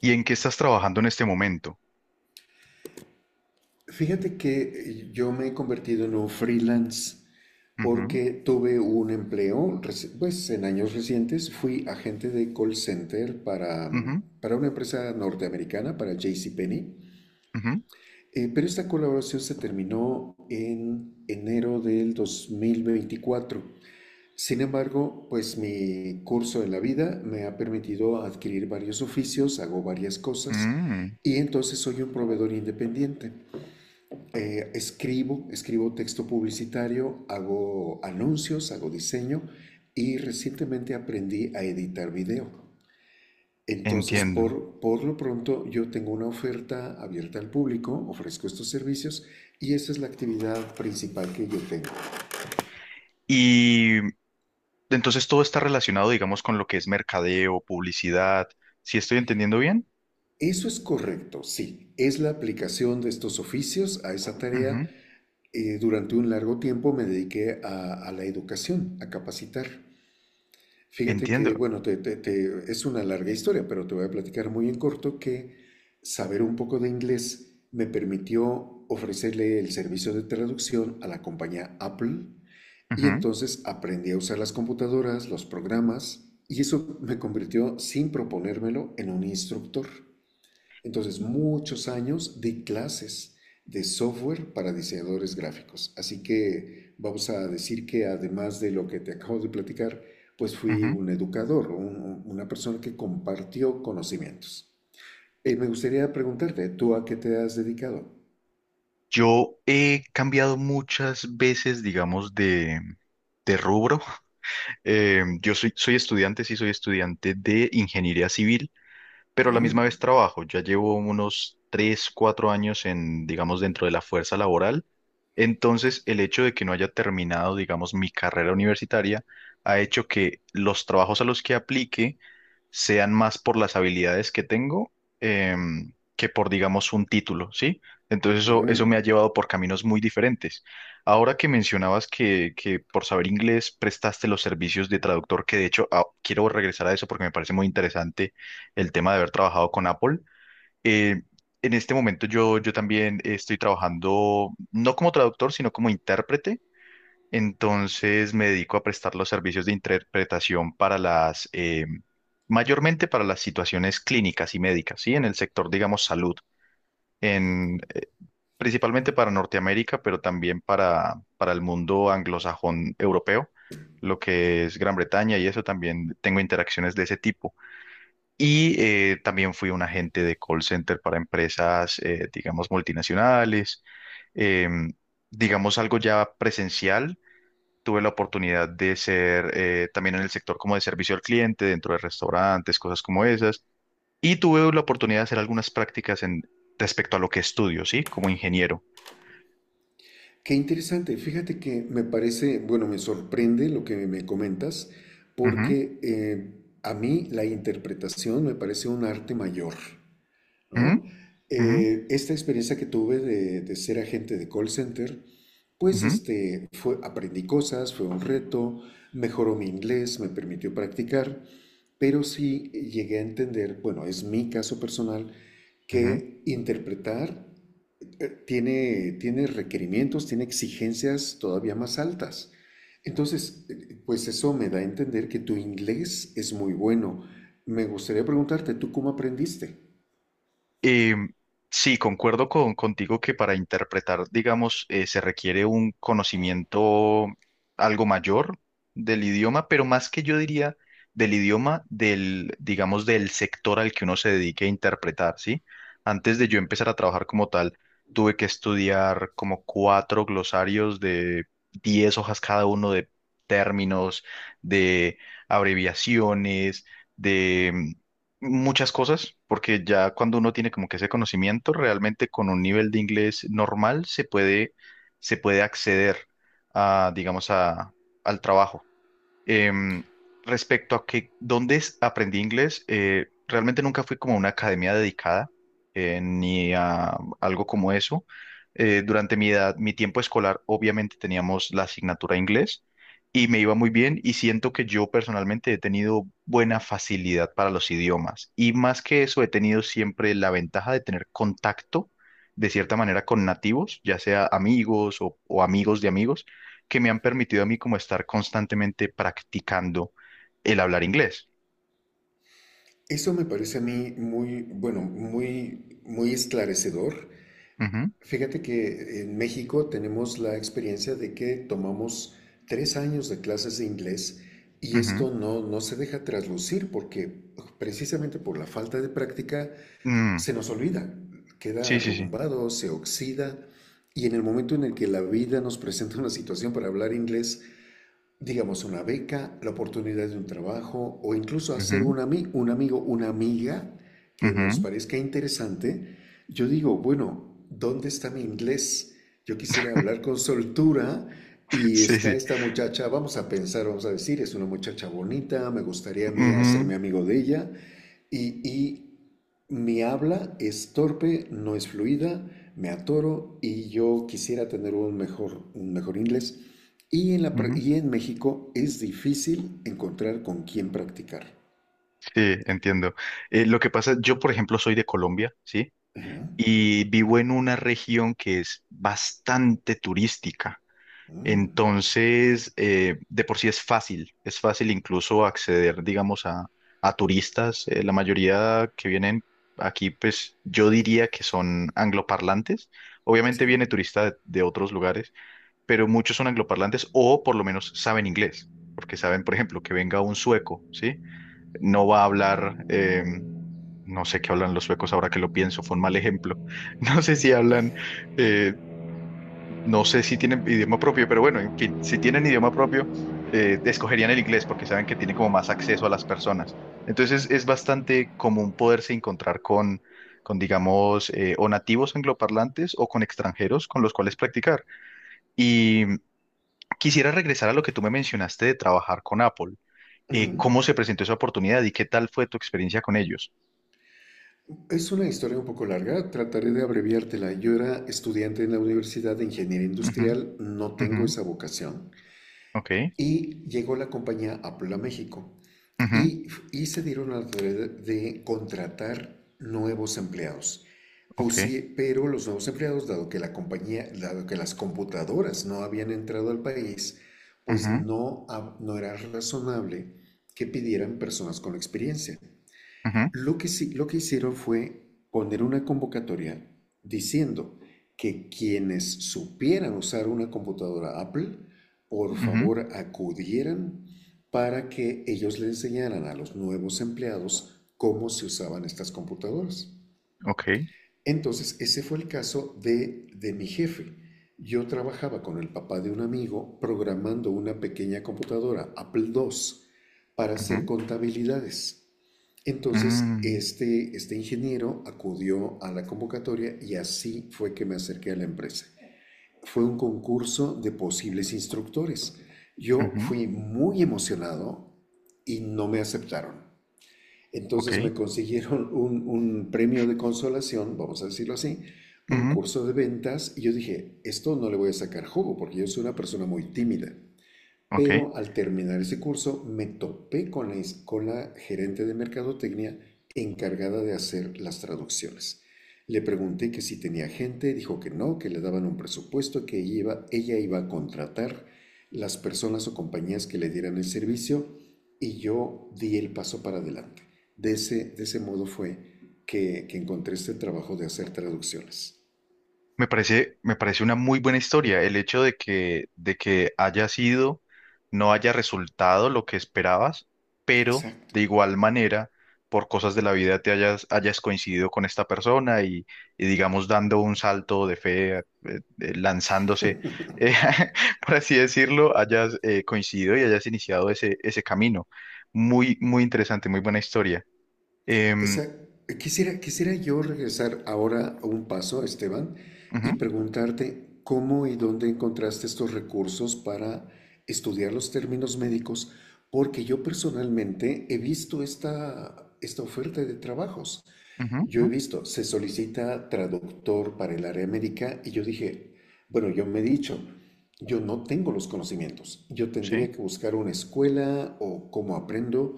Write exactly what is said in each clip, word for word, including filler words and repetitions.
¿Y en qué estás trabajando en este momento? Fíjate que eh, yo me he convertido en un freelance Ujú, porque tuve un empleo, reci- pues en años recientes fui agente de call center para, ujú, mm, para una empresa norteamericana, para JCPenney, ujú. eh, pero esta colaboración se terminó en enero del dos mil veinticuatro. Sin embargo, pues mi curso en la vida me ha permitido adquirir varios oficios, hago varias cosas Mm, y entonces soy un proveedor independiente, eh, escribo, escribo texto publicitario, hago anuncios, hago diseño y recientemente aprendí a editar video. Entonces, entiendo. por, por lo pronto, yo tengo una oferta abierta al público, ofrezco estos servicios y esa es la actividad principal que yo tengo. Y entonces todo está relacionado, digamos, con lo que es mercadeo, publicidad. ¿Si estoy entendiendo bien? Eso es correcto, sí. Es la aplicación de estos oficios a esa tarea. Ujú, Eh, durante un largo tiempo me dediqué a, a la educación, a capacitar. Fíjate que, entiendo. bueno, te, te- te- es una larga historia, pero te voy a platicar muy en corto que saber un poco de inglés me permitió ofrecerle el servicio de traducción a la compañía Apple y Ujú, entonces aprendí a usar las computadoras, los programas y eso me convirtió, sin proponérmelo, en un instructor. Entonces, muchos años de clases de software para diseñadores gráficos. Así que vamos a decir que además de lo que te acabo de platicar, pues fui ujú. un educador, un- una persona que compartió conocimientos. Eh, Eh, me gustaría preguntarte, ¿tú a qué te has dedicado? Yo he cambiado muchas veces, digamos, de, de rubro. Eh, yo soy, soy estudiante, sí, soy estudiante de ingeniería civil. Pero a la misma Mm, vez trabajo. Ya llevo unos tres cuatro años en, digamos, dentro de la fuerza laboral. Entonces, el hecho de que no haya terminado, digamos, mi carrera universitaria ha hecho que los trabajos a los que aplique sean más por las habilidades que tengo, em, que por, digamos, un título, ¿sí? Entonces eso, eso me ha mm. llevado por caminos muy diferentes. Ahora que mencionabas que, que por saber inglés prestaste los servicios de traductor, que de hecho, ah, quiero regresar a eso porque me parece muy interesante el tema de haber trabajado con Apple. Eh, en este momento yo, yo también estoy trabajando, no como traductor, sino como intérprete. Entonces me dedico a prestar los servicios de interpretación para las, eh, mayormente para las situaciones clínicas y médicas, ¿sí? En el sector, digamos, salud, en, principalmente para Norteamérica, pero también para, para el mundo anglosajón europeo, lo que es Gran Bretaña, y eso también tengo interacciones de ese tipo. Y eh, también fui un agente de call center para empresas, eh, digamos, multinacionales. em, digamos, algo ya presencial. Tuve la oportunidad de ser, eh, también en el sector como de servicio al cliente, dentro de restaurantes, cosas como esas. Y tuve la oportunidad de hacer algunas prácticas en, respecto a lo que estudio, ¿sí? Como ingeniero. Qué interesante. Fíjate que me parece, bueno, me sorprende lo que me comentas, Ujú, porque eh, a mí la interpretación me parece un arte mayor. ujú, ¿No? ujú, Eh, esta experiencia que tuve de, de ser agente de call center, pues ujú, este, fue, aprendí cosas, fue un reto, mejoró mi inglés, me permitió practicar, pero sí llegué a entender, bueno, es mi caso personal, ujú. que interpretar eh, tiene, tiene requerimientos, tiene exigencias todavía más altas. Entonces, eh, pues eso me da a entender que tu inglés es muy bueno. Me gustaría preguntarte, ¿tú cómo aprendiste? Eh, sí, concuerdo con, contigo que para interpretar, digamos, eh, se requiere un conocimiento algo mayor del idioma, pero más que yo diría del idioma, del, digamos, del sector al que uno se dedique a interpretar, ¿sí? Antes de yo empezar a trabajar como tal, tuve que estudiar como cuatro glosarios de diez hojas cada uno, de términos, de abreviaciones, muchas cosas, porque ya cuando uno tiene como que ese conocimiento, realmente con un nivel de inglés normal se puede, se puede acceder a, digamos, a, al trabajo. Em, respecto a que dónde es- aprendí inglés, eh, realmente nunca fui como a una academia dedicada, eh, ni a algo como eso. Eh, durante mi edad, mi tiempo escolar, obviamente teníamos la asignatura de inglés, y me iba muy bien, y siento que yo personalmente he tenido buena facilidad para los idiomas, y más que eso he tenido siempre la ventaja de tener contacto de cierta manera con nativos, ya sea amigos o o amigos de amigos, que me han permitido a mí como estar constantemente practicando el hablar inglés. Eso me parece a mí muy, bueno, muy, muy esclarecedor. Ujú, Fíjate que en México tenemos la experiencia de que tomamos tres años de clases de inglés y ujú. esto no, no se deja traslucir porque precisamente por la falta de práctica Mm, se nos olvida, queda sí, sí, sí. arrumbado, se oxida y en el momento en el que la vida nos presenta una situación para hablar inglés, digamos, una beca, la oportunidad de un trabajo o incluso hacer Ujú, un, ami- un amigo, una amiga que nos ujú. parezca interesante, yo digo, bueno, ¿dónde está mi inglés? Yo quisiera hablar con soltura y Sí, está sí. esta muchacha, vamos a pensar, vamos a decir, es una muchacha bonita, me gustaría a mí Ujú, hacerme amigo de ella y, y mi habla es torpe, no es fluida, me atoro y yo quisiera tener un mejor, un mejor inglés. Y en, la, ujú. y en México es difícil encontrar con quién practicar. Sí, entiendo. Eh, lo que pasa, yo por ejemplo soy de Colombia, ¿sí? Ajá. Y vivo en una región que es bastante turística. Mm, Entonces, eh, de por sí es fácil, es fácil incluso acceder, digamos, a, a turistas. Eh, la mayoría que vienen aquí, pues yo diría que son angloparlantes. Obviamente sí. viene turista de, de otros lugares, pero muchos son angloparlantes o por lo menos saben inglés, porque saben, por ejemplo, que venga un sueco, ¿sí? No va a hablar. eh, No sé qué hablan los suecos, ahora que lo pienso, fue un mal ejemplo. No sé si hablan, eh, no sé si tienen idioma propio, pero bueno, en fin, si tienen idioma propio, eh, escogerían el inglés porque saben que tiene como más acceso a las personas. Entonces es bastante común poderse encontrar con, con digamos, eh, o nativos angloparlantes o con extranjeros con los cuales practicar. Y quisiera regresar a lo que tú me mencionaste de trabajar con Apple. Eh, Ujú. ¿cómo se presentó esa oportunidad y qué tal fue tu experiencia con ellos? Es una historia un poco larga, trataré de abreviártela. Yo era estudiante en la Universidad de Ingeniería Ujú, Industrial, no ujú, tengo esa vocación. ok, Y llegó la compañía Apple a México. ujú, Y, y se dieron a la tarea de contratar nuevos empleados. Pues ok, sí, pero los nuevos empleados, dado que la compañía, dado que las computadoras no habían entrado al país, pues ujú, no, no era razonable que pidieran personas con experiencia. ujú, Lo que, sí- lo que hicieron fue poner una convocatoria diciendo que quienes supieran usar una computadora Apple, por ujú, favor acudieran para que ellos le enseñaran a los nuevos empleados cómo se usaban estas computadoras. ok, Entonces, ese fue el caso de, de mi jefe. Yo trabajaba con el papá de un amigo programando una pequeña computadora Apple dos para hacer ujú, contabilidades. Entonces, mm. este, este ingeniero acudió a la convocatoria y así fue que me acerqué a la empresa. Fue un concurso de posibles instructores. Yo Ujú, fui muy emocionado y no me aceptaron. ok, Entonces me consiguieron un, un premio de consolación, vamos a decirlo así, un ujú, curso de ventas y yo dije, esto no le voy a sacar jugo porque yo soy una persona muy tímida. ok. Pero al terminar ese curso me topé con la, con la gerente de mercadotecnia encargada de hacer las traducciones. Le pregunté que si tenía gente, dijo que no, que le daban un presupuesto, que ella iba, ella iba a contratar las personas o compañías que le dieran el servicio y yo di el paso para adelante. De ese, de ese modo fue que, que encontré este trabajo de hacer traducciones. Me parece, me parece una muy buena historia. El hecho de que, de que haya sido, no haya resultado lo que esperabas, pero Exacto. de igual manera, por cosas de la vida te hayas, hayas coincidido con esta persona, y, y digamos dando un salto de fe, eh, eh, lanzándose, eh, por así decirlo, hayas, eh, coincidido y hayas iniciado ese, ese camino. Muy, muy interesante, muy buena historia. Em, Esa, quisiera, quisiera yo regresar ahora a un paso, Esteban, ujú, y preguntarte cómo y dónde encontraste estos recursos para estudiar los términos médicos, porque yo personalmente he visto esta, esta oferta de trabajos. ujú, Yo ujú, he visto, se solicita traductor para el área médica y yo dije, bueno, yo me he dicho, yo no tengo los conocimientos, yo sí. tendría que buscar una escuela o cómo aprendo,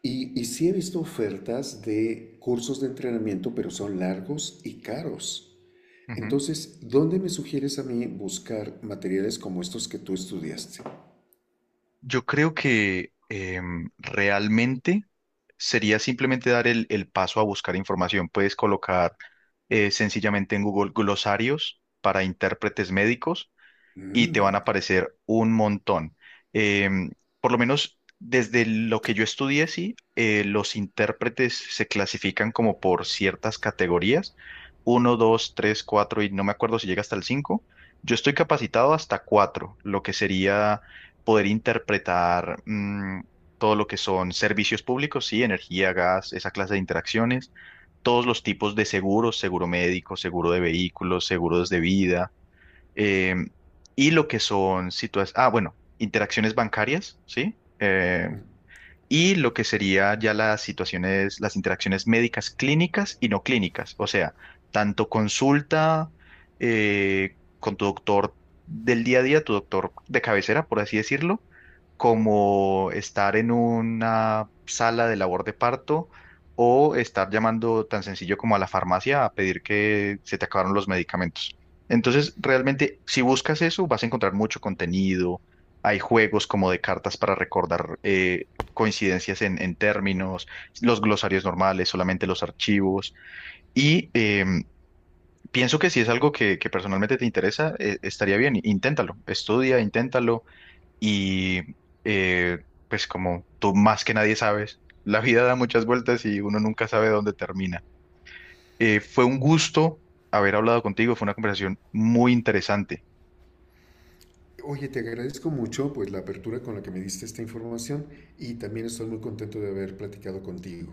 y, y sí he visto ofertas de cursos de entrenamiento, pero son largos y caros. Ujú. Entonces, ¿dónde me sugieres a mí buscar materiales como estos que tú estudiaste? Yo creo que, em, realmente sería simplemente dar el, el paso a buscar información. Puedes colocar, eh, sencillamente, en Google, glosarios para intérpretes médicos, y te van a aparecer un montón. Em, por lo menos desde lo que yo estudié, sí, eh, los intérpretes se clasifican como por ciertas categorías, uno, dos, tres, cuatro, y no me acuerdo si llega hasta el cinco. Yo estoy capacitado hasta cuatro, lo que sería poder interpretar, mm, todo lo que son servicios públicos, sí, energía, gas, esa clase de interacciones, todos los tipos de seguros, seguro médico, seguro de vehículos, seguros de vida, eh, y lo que son situaciones, ah, bueno, interacciones bancarias, ¿sí? Eh, y lo que sería ya las situaciones, las interacciones médicas clínicas y no clínicas, o sea, tanto consulta, eh, con tu doctor del día a día, tu doctor de cabecera, por así decirlo, como estar en una sala de labor de parto, o estar llamando tan sencillo como a la farmacia a pedir que se te acabaron los medicamentos. Entonces, realmente, si buscas eso, vas a encontrar mucho contenido. Hay juegos como de cartas para recordar, eh, coincidencias en, en términos, los glosarios normales, solamente los archivos. Y em, pienso que si es algo que, que personalmente te interesa, eh, estaría bien. Inténtalo, estudia, inténtalo, y eh, pues como tú más que nadie sabes, la vida da muchas vueltas y uno nunca sabe dónde termina. Eh, fue un gusto haber hablado contigo, fue una conversación muy interesante. Oye, te agradezco mucho pues la apertura con la que me diste esta información y también estoy muy contento de haber platicado contigo.